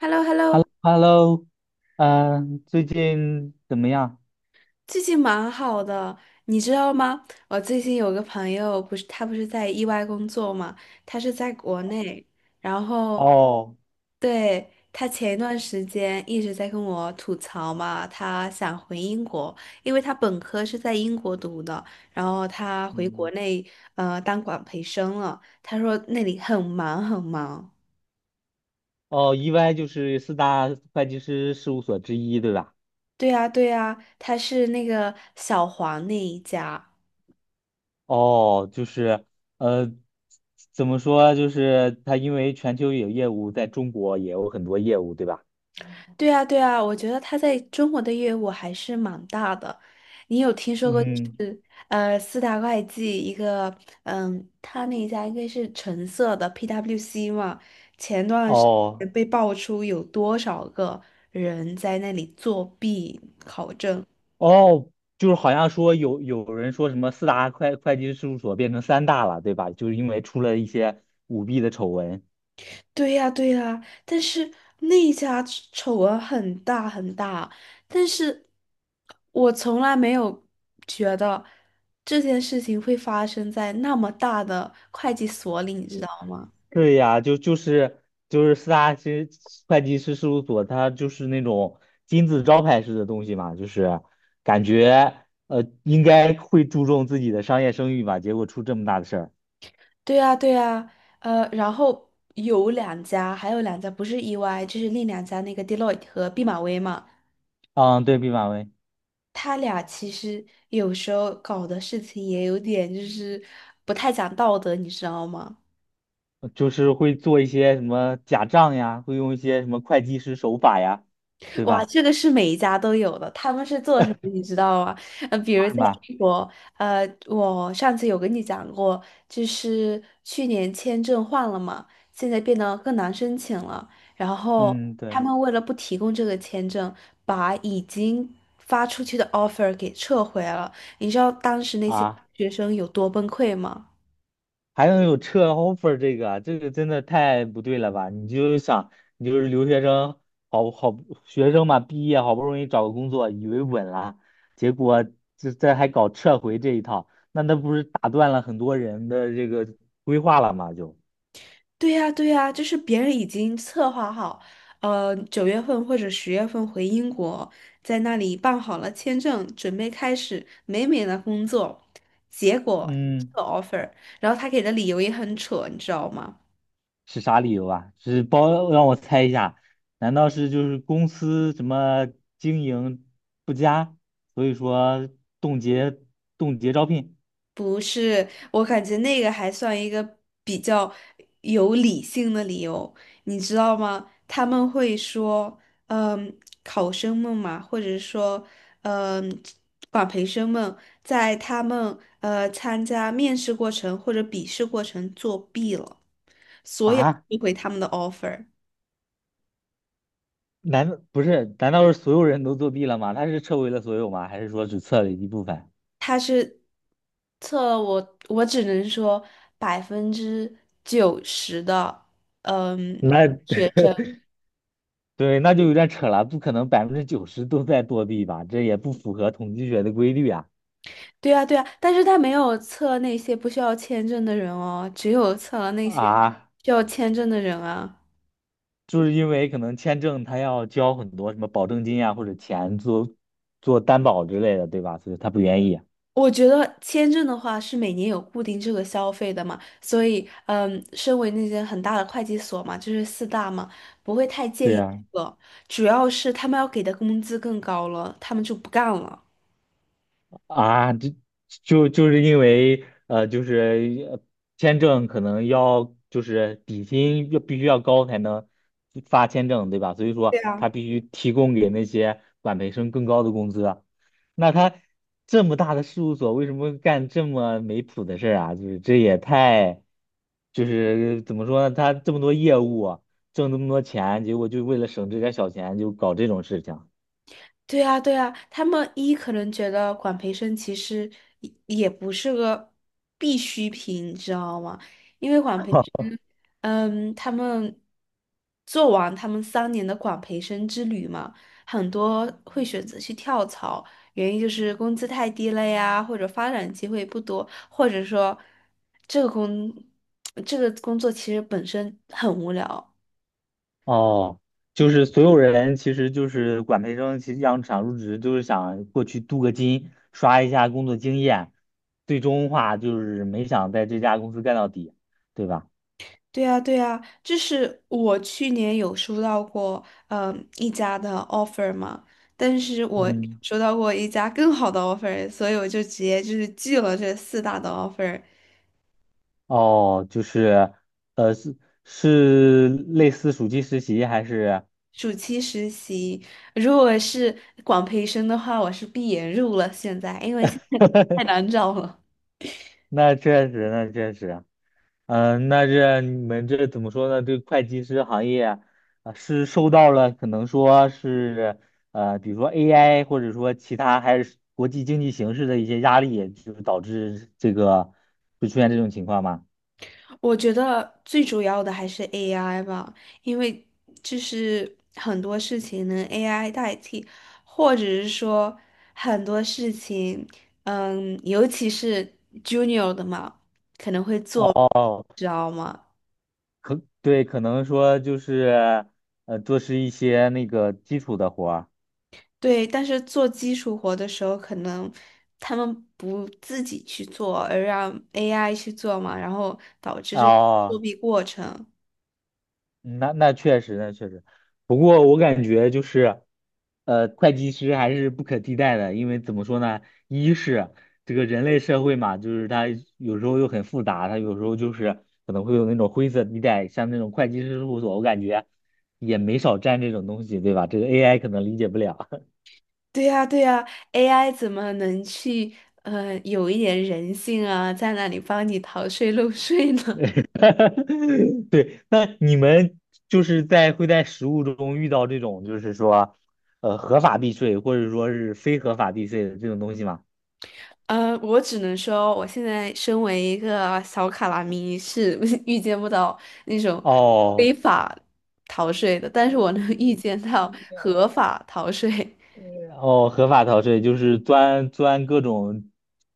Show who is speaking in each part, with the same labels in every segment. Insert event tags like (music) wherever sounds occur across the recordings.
Speaker 1: h e l l o h e l l o.
Speaker 2: h e l l o h e l l o 最近怎么样？
Speaker 1: 最近蛮好的，你知道吗？我最近有个朋友，不是他不是在意外工作嘛，他是在国内，然后。
Speaker 2: 哦，
Speaker 1: 对，他前一段时间一直在跟我吐槽嘛，他想回英国，因为他本科是在英国读的，然后他回国
Speaker 2: 嗯，
Speaker 1: 内当管培生了，他说那里很忙很忙。
Speaker 2: 哦，EY 就是四大会计师事务所之一，对吧？
Speaker 1: 对呀，对呀，他是那个小黄那一家。
Speaker 2: 哦，就是，呃，怎么说？就是他因为全球有业务，在中国也有很多业务，对吧？
Speaker 1: 对啊，对啊，我觉得他在中国的业务还是蛮大的。你有听说过，就
Speaker 2: 嗯，
Speaker 1: 是四大会计一个，他那一家应该是橙色的 PwC 嘛？前段时
Speaker 2: 哦，
Speaker 1: 间被爆出有多少个人在那里作弊考证。
Speaker 2: 哦，就是好像说有人说什么四大会计师事务所变成三大了，对吧？就是因为出了一些舞弊的丑闻。
Speaker 1: 对呀，对呀，但是那一家丑闻很大很大，但是我从来没有觉得这件事情会发生在那么大的会计所里，你知道吗？
Speaker 2: 对呀，就是四大其实会计师事务所，它就是那种金字招牌式的东西嘛，就是感觉应该会注重自己的商业声誉吧，结果出这么大的事儿。
Speaker 1: 对呀，对呀，然后有两家，还有两家不是 EY，就是另两家那个 Deloitte 和毕马威嘛，
Speaker 2: 嗯，对，毕马威
Speaker 1: 他俩其实有时候搞的事情也有点就是不太讲道德，你知道吗？
Speaker 2: 就是会做一些什么假账呀，会用一些什么会计师手法呀，对
Speaker 1: 哇，
Speaker 2: 吧？
Speaker 1: 这个是每一家都有的。他们是做什么，你知道吗？比如
Speaker 2: 是
Speaker 1: 在
Speaker 2: 吧？
Speaker 1: 英国，我上次有跟你讲过，就是去年签证换了嘛，现在变得更难申请了。然后
Speaker 2: 嗯，
Speaker 1: 他
Speaker 2: 对
Speaker 1: 们为了不提供这个签证，把已经发出去的 offer 给撤回了。你知道当时那些
Speaker 2: 啊。
Speaker 1: 学生有多崩溃吗？
Speaker 2: 还能有撤 offer 这个啊，这个真的太不对了吧？你就想，你就是留学生，好好学生嘛，毕业好不容易找个工作，以为稳了，结果这还搞撤回这一套，那不是打断了很多人的这个规划了吗？
Speaker 1: 对呀，对呀，就是别人已经策划好，9月份或者10月份回英国，在那里办好了签证，准备开始美美的工作，结果这
Speaker 2: 嗯，
Speaker 1: 个 offer，然后他给的理由也很扯，你知道吗？
Speaker 2: 是啥理由啊？是包，让我猜一下，难道是就是公司什么经营不佳，所以说冻结冻结招聘
Speaker 1: 不是，我感觉那个还算一个比较有理性的理由，你知道吗？他们会说，嗯，考生们嘛，或者说，嗯，管培生们，在他们参加面试过程或者笔试过程作弊了，所以
Speaker 2: 啊？
Speaker 1: 退回他们的 offer。
Speaker 2: 难道不是？难道是所有人都作弊了吗？他是撤回了所有吗？还是说只撤了一部分？
Speaker 1: 他是测了我，我只能说90%的，嗯。
Speaker 2: 那
Speaker 1: 学
Speaker 2: (laughs)
Speaker 1: 生。
Speaker 2: 对，那就有点扯了，不可能90%都在作弊吧？这也不符合统计学的规律啊！
Speaker 1: 对啊，对啊，但是他没有测那些不需要签证的人哦，只有测了那些
Speaker 2: 啊，
Speaker 1: 需要签证的人啊。
Speaker 2: 就是因为可能签证他要交很多什么保证金啊或者钱做做担保之类的，对吧？所以他不愿意。
Speaker 1: 我觉得签证的话是每年有固定这个消费的嘛，所以身为那些很大的会计所嘛，就是四大嘛，不会太介
Speaker 2: 对
Speaker 1: 意
Speaker 2: 呀、
Speaker 1: 这个，主要是他们要给的工资更高了，他们就不干了。
Speaker 2: 啊，就是因为就是签证可能要就是底薪要必须要高才能发签证，对吧？所以
Speaker 1: 对
Speaker 2: 说他
Speaker 1: 啊，
Speaker 2: 必须提供给那些管培生更高的工资啊那他这么大的事务所，为什么干这么没谱的事儿啊？就是这也太，就是怎么说呢？他这么多业务啊挣这么多钱，结果就为了省这点儿小钱就搞这种事情。
Speaker 1: 对啊，对啊，他们一可能觉得管培生其实也不是个必需品，你知道吗？因为管培生。
Speaker 2: (laughs)
Speaker 1: 他们做完他们3年的管培生之旅嘛，很多会选择去跳槽，原因就是工资太低了呀，或者发展机会不多，或者说这个工 (tsk) 这个工作其实本身很无聊。
Speaker 2: 哦，就是所有人其实就是管培生，其实想想入职就是想过去镀个金，刷一下工作经验，最终话就是没想在这家公司干到底，对吧？
Speaker 1: 对呀，对呀，就是我去年有收到过，一家的 offer 嘛，但是我
Speaker 2: 嗯，
Speaker 1: 收到过一家更好的 offer，所以我就直接就是拒了这四大的 offer。
Speaker 2: 哦，就是，呃，是是类似暑期实习还是？
Speaker 1: 暑期实习，如果是广培生的话，我是闭眼入了。现在，因为现在太难找了。
Speaker 2: 那确实，那确实。嗯、那这你们这怎么说呢？这个会计师行业啊，啊是受到了可能说是比如说 AI 或者说其他还是国际经济形势的一些压力，就是导致这个会出现这种情况吗？
Speaker 1: 我觉得最主要的还是 AI 吧，因为就是很多事情能 AI 代替，或者是说很多事情，尤其是 junior 的嘛，可能会做，
Speaker 2: 哦，
Speaker 1: 知道吗？
Speaker 2: 可对，可能说就是做是一些那个基础的活儿。
Speaker 1: 对，但是做基础活的时候，可能他们不自己去做，而让 AI 去做嘛，然后导致这个作
Speaker 2: 哦，
Speaker 1: 弊过程。
Speaker 2: 嗯那确实，那确实。不过我感觉就是，会计师还是不可替代的，因为怎么说呢？一是这个人类社会嘛，就是它有时候又很复杂，它有时候就是可能会有那种灰色地带，像那种会计师事务所，我感觉也没少占这种东西，对吧？这个 AI 可能理解不了。
Speaker 1: 对呀，对呀，AI 怎么能去有一点人性啊，在那里帮你逃税漏税呢？
Speaker 2: (laughs) 对，那你们就是在实务中遇到这种就是说，合法避税或者说是非合法避税的这种东西吗？
Speaker 1: (laughs) 我只能说，我现在身为一个小卡拉咪，是 (laughs) 预见不到那种非
Speaker 2: 哦，
Speaker 1: 法逃税的，但是我能预见到合法逃税。
Speaker 2: 呃哦，合法逃税就是钻钻各种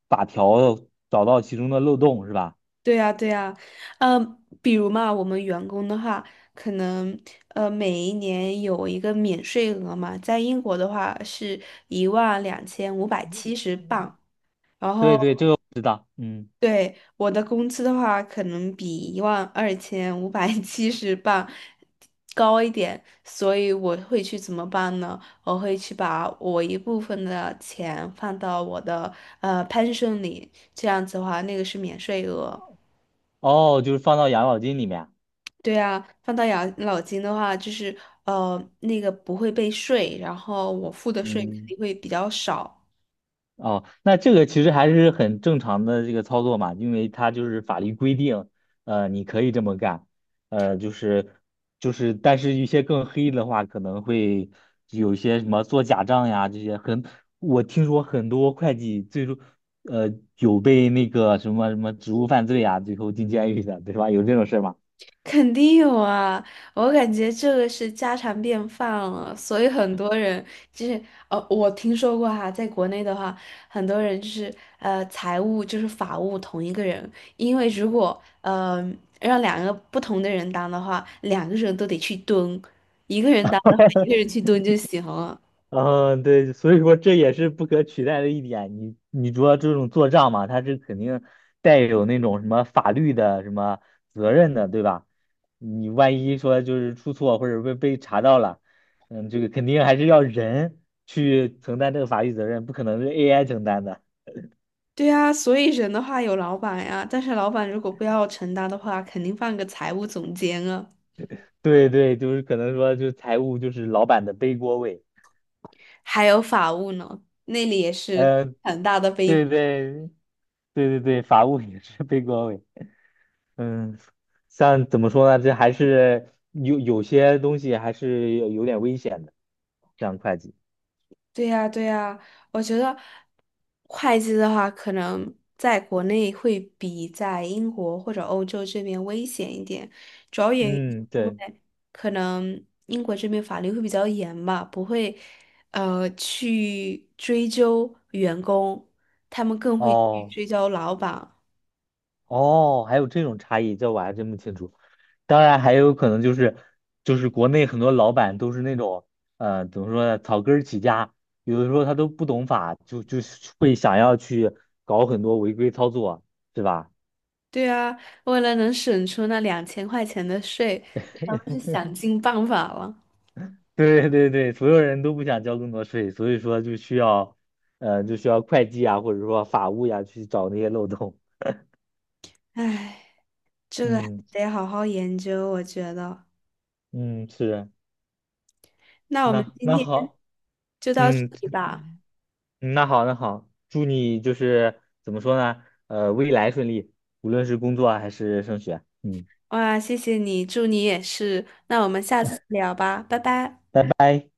Speaker 2: 法条，找到其中的漏洞是吧？
Speaker 1: 对呀，对呀，比如嘛，我们员工的话，可能每一年有一个免税额嘛，在英国的话是12,570镑，然后
Speaker 2: 对对，这个我知道。嗯，
Speaker 1: 对我的工资的话，可能比一万二千五百 (laughs) 七十镑高一点，所以我会去怎么办呢？我会去把我一部分的钱放到我的pension 里，这样子的话，那个是免税额。
Speaker 2: 哦，就是放到养老金里面。
Speaker 1: 对啊，放到养老金的话，就是那个不会被税，然后我付的税肯
Speaker 2: 嗯。
Speaker 1: 定会比较少。
Speaker 2: 哦，那这个其实还是很正常的这个操作嘛，因为它就是法律规定，你可以这么干，呃，就是就是，但是一些更黑的话，可能会有一些什么做假账呀这些很，我听说很多会计最终，呃，有被那个什么什么职务犯罪啊，最后进监狱的，对吧？有这种事儿吗？
Speaker 1: (laughs) 肯定有啊，我感觉这个是家常便饭了，所以很多人就是我听说过哈，在国内的话，很多人就是财务就是法务同一个人，因为如果让两个不同的人当的话，两个人都得去蹲，一个人当的话，一个人去蹲就行了。
Speaker 2: 嗯，对，所以说这也是不可取代的一点。你说这种做账嘛，它是肯定带有那种什么法律的什么责任的，对吧？你万一说就是出错或者被查到了，嗯，这个肯定还是要人去承担这个法律责任，不可能是 AI 承担的。
Speaker 1: 对呀，所以人的话有老板呀，但是老板如果不要承担的话，肯定放个财务总监啊，
Speaker 2: 对对，就是可能说就是财务就是老板的背锅位，
Speaker 1: 还有法务呢，那里也是
Speaker 2: 呃，
Speaker 1: 很大的悲。
Speaker 2: 对对对对对，法务也是背锅位。嗯，像怎么说呢？这还是有些东西还是有点危险的，像会计。
Speaker 1: 对呀，对呀，我觉得会计的话，可能在国内会比在英国或者欧洲这边危险一点，主要原因是
Speaker 2: 嗯，
Speaker 1: 因
Speaker 2: 对，
Speaker 1: 为可能英国这边法律会比较严吧，不会去追究员工，他们更会去
Speaker 2: 哦
Speaker 1: 追究老板。
Speaker 2: 哦，还有这种差异，这我还真不清楚。当然，还有可能就是国内很多老板都是那种怎么说呢，草根儿起家，有的时候他都不懂法，就会想要去搞很多违规操作，是吧？
Speaker 1: 对啊，为了能省出那2000块钱的税，咱们
Speaker 2: (laughs)
Speaker 1: 是想尽办法了。
Speaker 2: (laughs) 对对对，所有人都不想交更多税，所以说就需要，就需要会计啊，或者说法务呀、去找那些漏洞。
Speaker 1: 唉，
Speaker 2: (laughs)
Speaker 1: 这个还
Speaker 2: 嗯
Speaker 1: 得好好研究，我觉得。
Speaker 2: 嗯，是，
Speaker 1: 那我们
Speaker 2: 那
Speaker 1: 今
Speaker 2: 那
Speaker 1: 天
Speaker 2: 好，
Speaker 1: 就到这
Speaker 2: 嗯，
Speaker 1: 里吧。
Speaker 2: 那好那好，祝你就是怎么说呢，未来顺利，无论是工作啊还是升学。嗯。
Speaker 1: 哇，谢谢你，祝你也是。那我们下次聊吧，拜拜。
Speaker 2: 拜拜